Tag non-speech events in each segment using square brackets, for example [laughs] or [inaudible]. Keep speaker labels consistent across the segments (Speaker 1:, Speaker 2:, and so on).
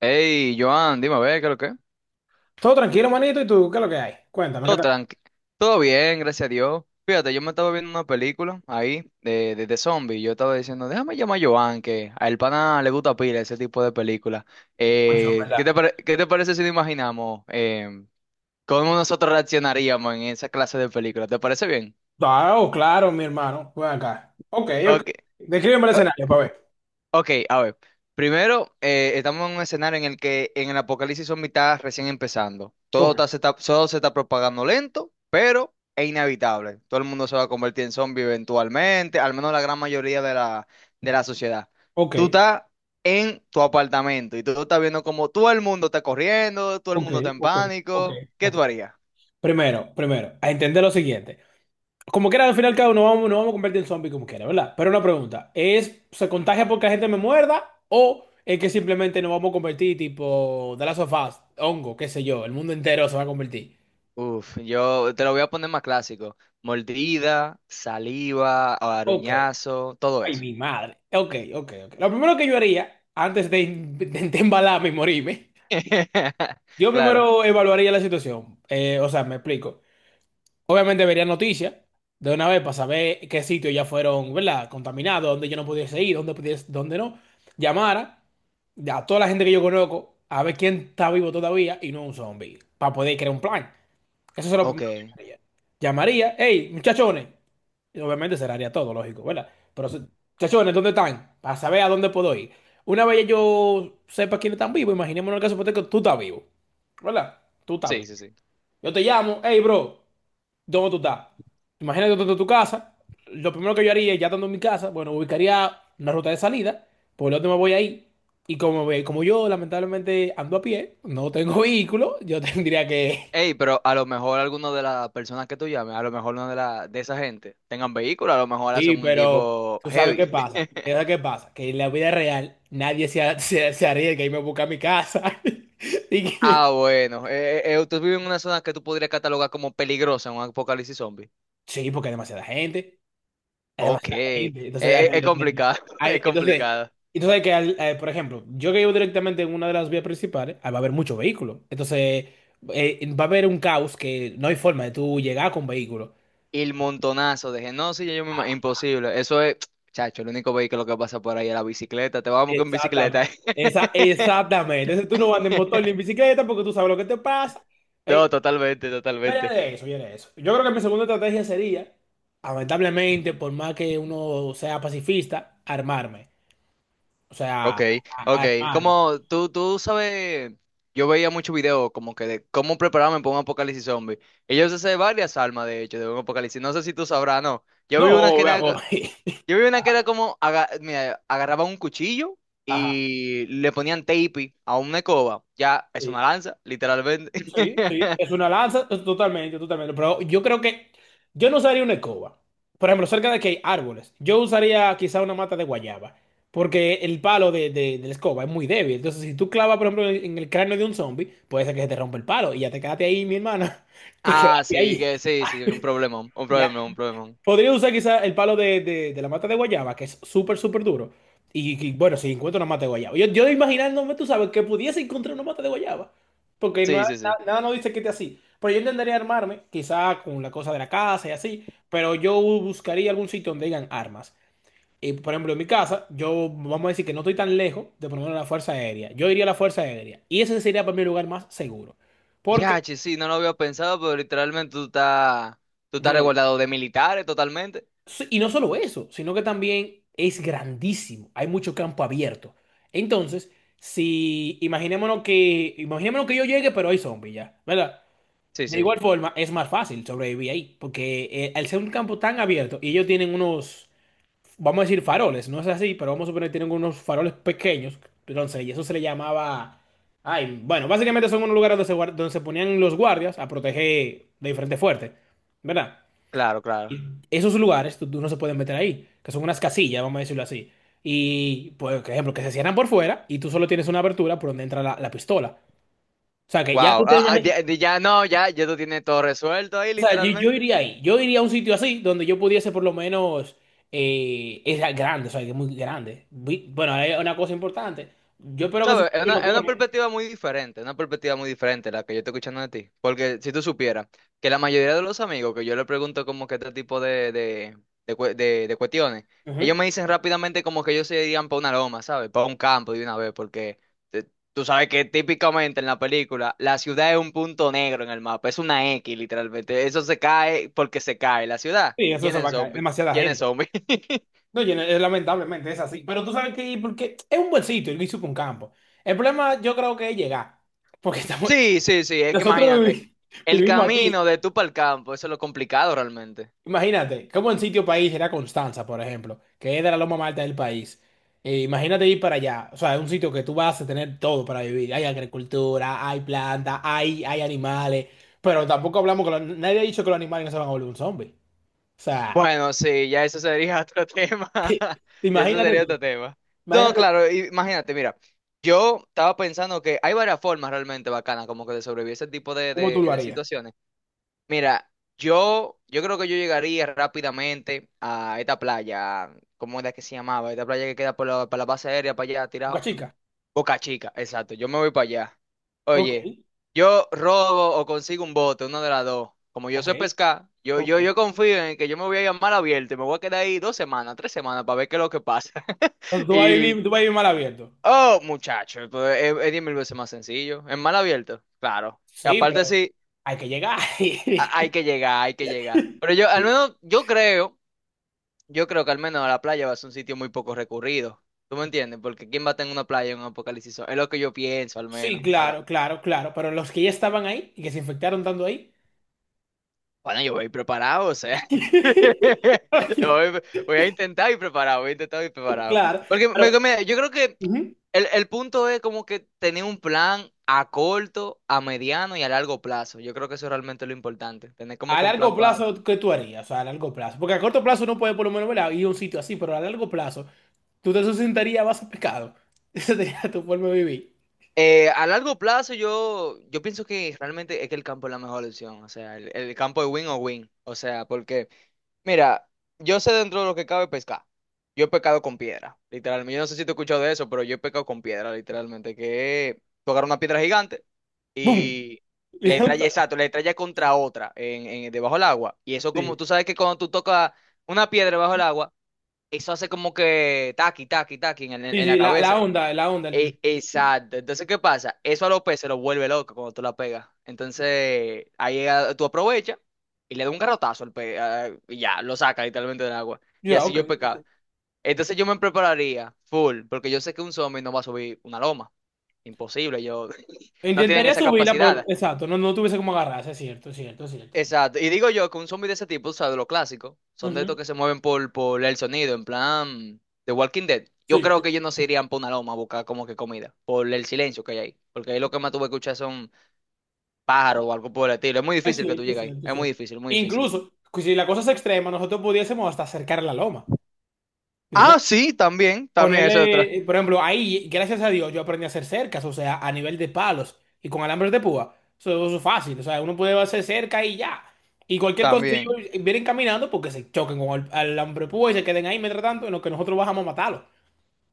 Speaker 1: Hey, Joan, dime a ver, ¿qué es lo que?
Speaker 2: Todo tranquilo, manito. ¿Y tú qué es lo que hay? Cuéntame, ¿qué
Speaker 1: Todo
Speaker 2: tal?
Speaker 1: tranqui. Todo bien, gracias a Dios. Fíjate, yo me estaba viendo una película ahí de zombies. Yo estaba diciendo, déjame llamar a Joan, que a el pana le gusta pila ese tipo de película.
Speaker 2: Mucho, en
Speaker 1: Eh, ¿qué
Speaker 2: ¿verdad?
Speaker 1: te pare- Qué te parece si nos imaginamos cómo nosotros reaccionaríamos en esa clase de película? ¿Te parece bien?
Speaker 2: Ah, oh, claro, mi hermano. Ven acá. Ok, ok.
Speaker 1: Ok.
Speaker 2: Descríbeme el escenario para ver.
Speaker 1: Ok, a ver. Primero, estamos en un escenario en el que en el apocalipsis son mitad recién empezando.
Speaker 2: Ok,
Speaker 1: Se está, todo se está propagando lento, pero es inevitable. Todo el mundo se va a convertir en zombie eventualmente, al menos la gran mayoría de de la sociedad.
Speaker 2: ok,
Speaker 1: Tú estás en tu apartamento y tú estás viendo como todo el mundo está corriendo, todo el
Speaker 2: ok,
Speaker 1: mundo está en
Speaker 2: ok, ok,
Speaker 1: pánico. ¿Qué
Speaker 2: ok.
Speaker 1: tú harías?
Speaker 2: Primero, primero, a entender lo siguiente. Como quiera, al final, cada uno nos vamos a convertir en zombie como quiera, ¿verdad? Pero una pregunta, ¿ se contagia porque la gente me muerda o es que simplemente nos vamos a convertir tipo The Last of Us, hongo, qué sé yo, el mundo entero se va a convertir?
Speaker 1: Uf, yo te lo voy a poner más clásico. Mordida, saliva,
Speaker 2: Ok.
Speaker 1: aruñazo, todo
Speaker 2: Ay,
Speaker 1: eso.
Speaker 2: mi madre. Ok, ok, ok. Lo primero que yo haría, antes de embalarme y morirme,
Speaker 1: [laughs]
Speaker 2: yo
Speaker 1: Claro.
Speaker 2: primero evaluaría la situación. O sea, me explico. Obviamente vería noticias de una vez para saber qué sitios ya fueron, ¿verdad? Contaminados, dónde yo no pudiese ir, dónde pudiese, dónde no. Llamara a toda la gente que yo conozco a ver quién está vivo todavía y no un zombie, para poder crear un plan. Eso es lo primero que yo
Speaker 1: Ok.
Speaker 2: haría. Llamaría, hey, muchachones. Y obviamente cerraría todo, lógico, ¿verdad? Pero, chachones, ¿dónde están? Para saber a dónde puedo ir. Una vez ya yo sepa quiénes están vivos, imaginémonos el caso hipotético, tú estás vivo, ¿verdad? Tú estás
Speaker 1: Sí,
Speaker 2: vivo.
Speaker 1: sí, sí.
Speaker 2: Yo te llamo, hey, bro, ¿dónde tú estás? Imagínate tú estás en tu casa. Lo primero que yo haría, ya estando en mi casa, bueno, ubicaría una ruta de salida, por lo tanto me voy ahí. Y como yo, lamentablemente, ando a pie, no tengo [laughs] vehículo, yo tendría que.
Speaker 1: Ey, pero a lo mejor alguna de las personas que tú llames, a lo mejor una de de esa gente tengan vehículo, a lo mejor hacen
Speaker 2: Sí,
Speaker 1: un
Speaker 2: pero
Speaker 1: equipo
Speaker 2: tú sabes qué
Speaker 1: heavy.
Speaker 2: pasa. ¿Qué sabes
Speaker 1: [laughs]
Speaker 2: qué pasa? Que en la vida real nadie [laughs] se arriesga y me busca a mi casa. [laughs] Y
Speaker 1: Ah,
Speaker 2: que.
Speaker 1: bueno. Tú vives en una zona que tú podrías catalogar como peligrosa en un apocalipsis zombie.
Speaker 2: Sí, porque hay demasiada gente. Hay
Speaker 1: Ok.
Speaker 2: demasiada gente.
Speaker 1: Es complicado, [laughs]
Speaker 2: Hay-
Speaker 1: es
Speaker 2: entonces,
Speaker 1: complicado.
Speaker 2: entonces, por ejemplo, yo que vivo directamente en una de las vías principales, va a haber muchos vehículos. Entonces, va a haber un caos que no hay forma de tú llegar con vehículos.
Speaker 1: Y el montonazo de gente. No, sí, Imposible. Eso es, [tsk] chacho, el único vehículo que pasa por ahí es la bicicleta. Te vamos con
Speaker 2: Exactamente.
Speaker 1: bicicleta. [laughs]
Speaker 2: Esa, exactamente. Entonces tú no andas en motor ni en bicicleta porque tú sabes lo que te pasa.
Speaker 1: No, totalmente,
Speaker 2: Yo
Speaker 1: totalmente.
Speaker 2: de eso, yo era de eso. Yo creo que mi segunda estrategia sería, lamentablemente, por más que uno sea pacifista, armarme. O sea,
Speaker 1: Ok,
Speaker 2: a- a-
Speaker 1: ok.
Speaker 2: armarme.
Speaker 1: Como tú sabes, yo veía muchos videos como que de cómo prepararme para un apocalipsis zombie. Ellos hacen varias armas, de hecho, de un apocalipsis. No sé si tú sabrás, no.
Speaker 2: No, o- [laughs]
Speaker 1: Yo vi una que era como, mira, agarraba un cuchillo
Speaker 2: Ajá,
Speaker 1: y le ponían tape a una escoba. Ya, es una
Speaker 2: sí.
Speaker 1: lanza, literalmente.
Speaker 2: Sí, sí,
Speaker 1: [laughs]
Speaker 2: es una lanza, es totalmente, totalmente. Pero yo creo que yo no usaría una escoba. Por ejemplo, cerca de que hay árboles, yo usaría quizá una mata de guayaba. Porque el palo de la escoba es muy débil. Entonces, si tú clavas, por ejemplo, en el cráneo de un zombie, puede ser que se te rompa el palo y ya te quedaste ahí, mi hermana. [laughs] Te
Speaker 1: Ah,
Speaker 2: quedaste
Speaker 1: sí,
Speaker 2: ahí.
Speaker 1: que sí, sí, un problema, un
Speaker 2: Ya,
Speaker 1: problema, un problema.
Speaker 2: podría usar quizá el palo de la mata de guayaba, que es súper, súper duro. Y, bueno, si encuentro una mata de guayaba. Yo imaginándome, tú sabes, que pudiese encontrar una mata de guayaba. Porque no,
Speaker 1: Sí,
Speaker 2: nada,
Speaker 1: sí, sí.
Speaker 2: nada nos dice que esté así. Pero yo intentaría armarme, quizá con la cosa de la casa y así. Pero yo buscaría algún sitio donde digan armas. Y, por ejemplo, en mi casa, yo vamos a decir que no estoy tan lejos de por lo menos la Fuerza Aérea. Yo iría a la Fuerza Aérea. Y ese sería para mí el lugar más seguro. Porque,
Speaker 1: Ya, che, sí, no lo había pensado, pero literalmente tú estás
Speaker 2: yo lo digo.
Speaker 1: resguardado de militares totalmente.
Speaker 2: Sí, y no solo eso, sino que también es grandísimo. Hay mucho campo abierto. Entonces, si imaginémonos que yo llegue, pero hay zombies ya, ¿verdad?
Speaker 1: Sí,
Speaker 2: De
Speaker 1: sí,
Speaker 2: igual forma, es más fácil sobrevivir ahí, porque al ser un campo tan abierto y ellos tienen unos, vamos a decir faroles, no es así, pero vamos a suponer que tienen unos faroles pequeños, entonces, y eso se le llamaba, ay, bueno, básicamente son unos lugares donde se ponían los guardias a proteger de diferentes fuertes, ¿verdad?
Speaker 1: claro, claro.
Speaker 2: Esos lugares tú no se pueden meter ahí, que son unas casillas, vamos a decirlo así. Y, pues, por ejemplo, que se cierran por fuera y tú solo tienes una abertura por donde entra la pistola. O sea, que ya tú
Speaker 1: Wow,
Speaker 2: te imaginas.
Speaker 1: ya, no, ya, ya tú tienes todo resuelto ahí,
Speaker 2: O sea, yo
Speaker 1: literalmente.
Speaker 2: iría ahí. Yo iría a un sitio así donde yo pudiese, por lo menos, es grande, o sea, que es muy grande. Bueno, hay una cosa importante. Yo espero que eso
Speaker 1: ¿Sabes?
Speaker 2: lo
Speaker 1: Es una
Speaker 2: corran.
Speaker 1: perspectiva muy diferente, una perspectiva muy diferente la que yo estoy escuchando de ti. Porque si tú supieras que la mayoría de los amigos que yo le pregunto como que este tipo de de cuestiones,
Speaker 2: Ujú.
Speaker 1: ellos me dicen rápidamente como que ellos se irían para una loma, ¿sabes? Para un campo de una vez, porque te- tú sabes que típicamente en la película la ciudad es un punto negro en el mapa, es una X literalmente. Eso se cae porque se cae. La ciudad,
Speaker 2: Sí, eso
Speaker 1: ¿quién
Speaker 2: se va
Speaker 1: es
Speaker 2: a caer.
Speaker 1: zombie?
Speaker 2: Demasiada
Speaker 1: ¿Quién es
Speaker 2: gente.
Speaker 1: zombie? [laughs]
Speaker 2: No, yo no- lamentablemente es así. Pero tú sabes que, porque es un buen sitio, el Guisupa un campo. El problema yo creo que es llegar. Porque [laughs] estamos.
Speaker 1: Sí, sí, sí, es que
Speaker 2: Nosotros
Speaker 1: imagínate,
Speaker 2: vivi-
Speaker 1: el
Speaker 2: vivimos aquí.
Speaker 1: camino de tú para el campo, eso es lo complicado realmente.
Speaker 2: Imagínate, como en sitio país era Constanza, por ejemplo, que es de la loma más alta del país. E imagínate ir para allá. O sea, es un sitio que tú vas a tener todo para vivir. Hay agricultura, hay plantas, hay animales. Pero tampoco hablamos que nadie ha dicho que los animales no se van a volver un zombie. O sea,
Speaker 1: Bueno, sí, ya eso sería otro [laughs] tema,
Speaker 2: [laughs]
Speaker 1: y eso
Speaker 2: imagínate
Speaker 1: sería
Speaker 2: tú.
Speaker 1: otro tema. No,
Speaker 2: Imagínate
Speaker 1: claro, imagínate, mira, yo estaba pensando que hay varias formas realmente bacanas como que de sobrevivir a ese tipo
Speaker 2: cómo tú lo
Speaker 1: de
Speaker 2: harías.
Speaker 1: situaciones. Mira, yo creo que yo llegaría rápidamente a esta playa, ¿cómo era que se llamaba? Esta playa que queda por por la base aérea para allá,
Speaker 2: Boca
Speaker 1: tirado.
Speaker 2: chica.
Speaker 1: Boca Chica, exacto. Yo me voy para allá.
Speaker 2: Ok,
Speaker 1: Oye, yo robo o consigo un bote, una de las dos. Como yo
Speaker 2: ok,
Speaker 1: sé pescar,
Speaker 2: ok.
Speaker 1: yo confío en que yo me voy a llamar abierto y me voy a quedar ahí 2 semanas, 3 semanas para ver qué es lo que pasa.
Speaker 2: Entonces
Speaker 1: [laughs]
Speaker 2: tú vas a
Speaker 1: Y,
Speaker 2: vivir, mal abierto.
Speaker 1: oh, muchacho, pues, es 10.000 veces más sencillo. En mar abierto, claro. Y
Speaker 2: Sí,
Speaker 1: aparte
Speaker 2: pero
Speaker 1: sí,
Speaker 2: hay que llegar.
Speaker 1: hay
Speaker 2: [laughs]
Speaker 1: que llegar, hay que llegar. Pero yo, al menos, yo creo que al menos la playa va a ser un sitio muy poco recurrido. ¿Tú me entiendes? Porque ¿quién va a tener una playa en un apocalipsis zombie? Es lo que yo pienso, al
Speaker 2: Sí,
Speaker 1: menos.
Speaker 2: claro, claro, claro, pero los que ya estaban ahí y que se infectaron tanto ahí.
Speaker 1: Bueno, yo voy preparado, o sea.
Speaker 2: [laughs]
Speaker 1: [laughs] Yo voy, voy a intentar ir preparado, voy a intentar ir preparado.
Speaker 2: Claro,
Speaker 1: Porque
Speaker 2: pero
Speaker 1: yo creo que
Speaker 2: ujú,
Speaker 1: el punto es como que tener un plan a corto, a mediano y a largo plazo. Yo creo que eso es realmente es lo importante. Tener como
Speaker 2: a
Speaker 1: que un
Speaker 2: largo
Speaker 1: plan para...
Speaker 2: plazo, ¿qué tú harías? O sea, a largo plazo. Porque a corto plazo no puede por lo menos ¿verdad? Ir a un sitio así, pero a largo plazo, tú te sustentarías a base de pescado. [laughs] Esa sería tu forma de vivir.
Speaker 1: A largo plazo yo pienso que realmente es que el campo es la mejor opción. O sea, el campo es win o win. O sea, porque... Mira, yo sé dentro de lo que cabe pescar. Yo he pecado con piedra, literalmente. Yo no sé si te he escuchado de eso, pero yo he pecado con piedra, literalmente. Que tú agarras una piedra gigante
Speaker 2: ¡Bum!
Speaker 1: y le estrellas,
Speaker 2: [laughs]
Speaker 1: exacto, le estrellas contra otra debajo del agua. Y eso como,
Speaker 2: Sí,
Speaker 1: tú sabes que cuando tú tocas una piedra debajo del agua, eso hace como que taqui, taqui, taqui en,
Speaker 2: sí,
Speaker 1: en la
Speaker 2: sí, la,
Speaker 1: cabeza.
Speaker 2: la onda, la onda. El.
Speaker 1: Exacto. Entonces, ¿qué pasa? Eso a los se lo vuelve loco cuando tú la pegas. Entonces, tú aprovechas y le das un garrotazo al pe ah, y ya, lo saca literalmente del agua. Y
Speaker 2: Ya,
Speaker 1: así
Speaker 2: ok,
Speaker 1: yo he
Speaker 2: ok.
Speaker 1: pecado. Entonces yo me prepararía full, porque yo sé que un zombie no va a subir una loma. Imposible, yo [laughs] no tienen
Speaker 2: Intentaría
Speaker 1: esa
Speaker 2: subirla, pero
Speaker 1: capacidad.
Speaker 2: exacto, no, no tuviese como agarrarse, es cierto, es cierto, es cierto.
Speaker 1: Exacto. Y digo yo que un zombie de ese tipo, o sea, de lo clásico, son de estos
Speaker 2: Ujú.
Speaker 1: que se mueven por el sonido, en plan The Walking Dead. Yo
Speaker 2: Sí.
Speaker 1: creo que ellos no se irían por una loma a buscar como que comida, por el silencio que hay ahí. Porque ahí lo que más tuve que escuchar son pájaros o algo por el estilo. Es muy
Speaker 2: Es
Speaker 1: difícil que tú
Speaker 2: cierto, es
Speaker 1: llegues ahí.
Speaker 2: cierto, es
Speaker 1: Es muy
Speaker 2: cierto.
Speaker 1: difícil, muy difícil.
Speaker 2: Incluso, pues, si la cosa es extrema, nosotros pudiésemos hasta cercar la loma. Y ya.
Speaker 1: Ah, sí, también, también eso detrás.
Speaker 2: Ponerle, por ejemplo, ahí, gracias a Dios, yo aprendí a hacer cercas, o sea, a nivel de palos y con alambres de púa. Eso es fácil, o sea, uno puede hacer cerca y ya. Y cualquier cosa, si
Speaker 1: También.
Speaker 2: ellos vienen caminando, porque se choquen con el alambre de púa y se queden ahí mientras tanto, en lo que nosotros bajamos a matarlos.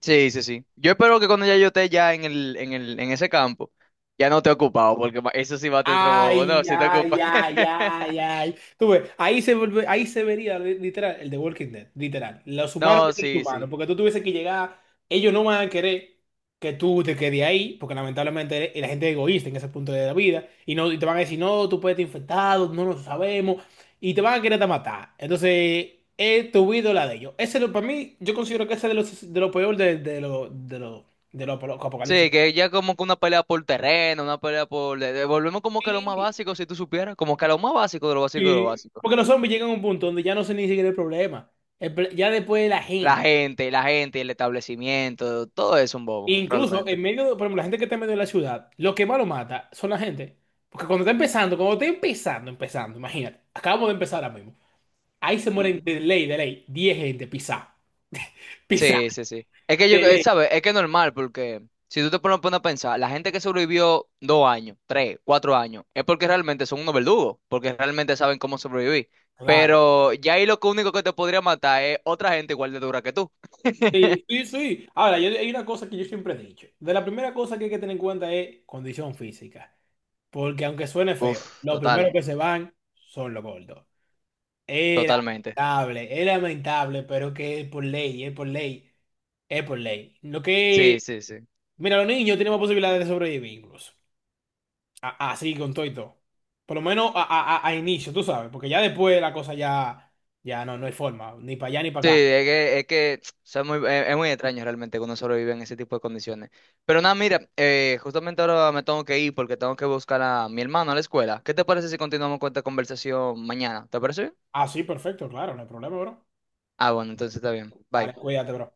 Speaker 1: Sí, sí, sí. Yo espero que cuando ya yo esté ya en en ese campo, ya no te he ocupado, porque eso sí va a te otro bobo.
Speaker 2: Ay,
Speaker 1: No, sí te
Speaker 2: ay,
Speaker 1: ocupa.
Speaker 2: ay,
Speaker 1: [laughs]
Speaker 2: ay, ay. Tú ves, ahí se vería literal el de Walking Dead, literal. Los humanos
Speaker 1: No,
Speaker 2: versus los
Speaker 1: sí,
Speaker 2: humanos,
Speaker 1: sí.
Speaker 2: porque tú tuviese que llegar, ellos no van a querer que tú te quedes ahí, porque lamentablemente la gente es egoísta en ese punto de la vida, y no y te van a decir, no, tú puedes estar infectado, no lo sabemos, y te van a querer hasta matar. Entonces, es tu vida o la de ellos. Para mí, yo considero que ese es de los de lo peor de lo apocalipsis.
Speaker 1: Sí, que ya como que una pelea por terreno, una pelea por... Volvemos como que a lo más básico, si tú supieras, como que a lo más básico de lo básico de lo
Speaker 2: Sí,
Speaker 1: básico.
Speaker 2: porque los zombies llegan a un punto donde ya no sé ni siquiera el problema. Ya después la gente,
Speaker 1: La gente, el establecimiento, todo es un bobo,
Speaker 2: incluso
Speaker 1: realmente.
Speaker 2: en medio, por ejemplo, la gente que está en medio de la ciudad, lo que más lo mata son la gente. Porque cuando está empezando, imagínate, acabamos de empezar ahora mismo. Ahí se mueren
Speaker 1: Ujú.
Speaker 2: de ley, 10 gente pisá. [laughs] Pisá,
Speaker 1: Sí, sí, sí. Es que yo,
Speaker 2: de ley.
Speaker 1: ¿sabes? Es que es normal, porque si tú te pones a pensar, la gente que sobrevivió 2 años, 3, 4 años, es porque realmente son unos verdugos, porque realmente saben cómo sobrevivir.
Speaker 2: Claro.
Speaker 1: Pero ya ahí lo que único que te podría matar es otra gente igual de dura que tú. [laughs]
Speaker 2: Sí, sí, sí. Ahora, hay una cosa que yo siempre he dicho. De la primera cosa que hay que tener en cuenta es condición física. Porque aunque suene feo,
Speaker 1: Uf,
Speaker 2: los
Speaker 1: total,
Speaker 2: primeros que se van son los gordos.
Speaker 1: totalmente.
Speaker 2: Es lamentable, pero que es por ley, es por ley, es por ley.
Speaker 1: Sí, sí, sí.
Speaker 2: Mira, los niños tenemos posibilidades de sobrevivir incluso. Así, con todo y todo. Por lo menos a inicio, tú sabes, porque ya después la cosa ya no hay forma, ni para allá ni
Speaker 1: Sí,
Speaker 2: para acá.
Speaker 1: es que [tsk] o sea, es muy extraño realmente que uno sobrevive en ese tipo de condiciones. Pero nada, mira, justamente ahora me tengo que ir porque tengo que buscar a mi hermano a la escuela. ¿Qué te parece si continuamos con esta conversación mañana? ¿Te parece bien?
Speaker 2: Ah, sí, perfecto, claro, no hay problema, bro.
Speaker 1: Ah, bueno, entonces está bien. Bye.
Speaker 2: Dale, cuídate, bro.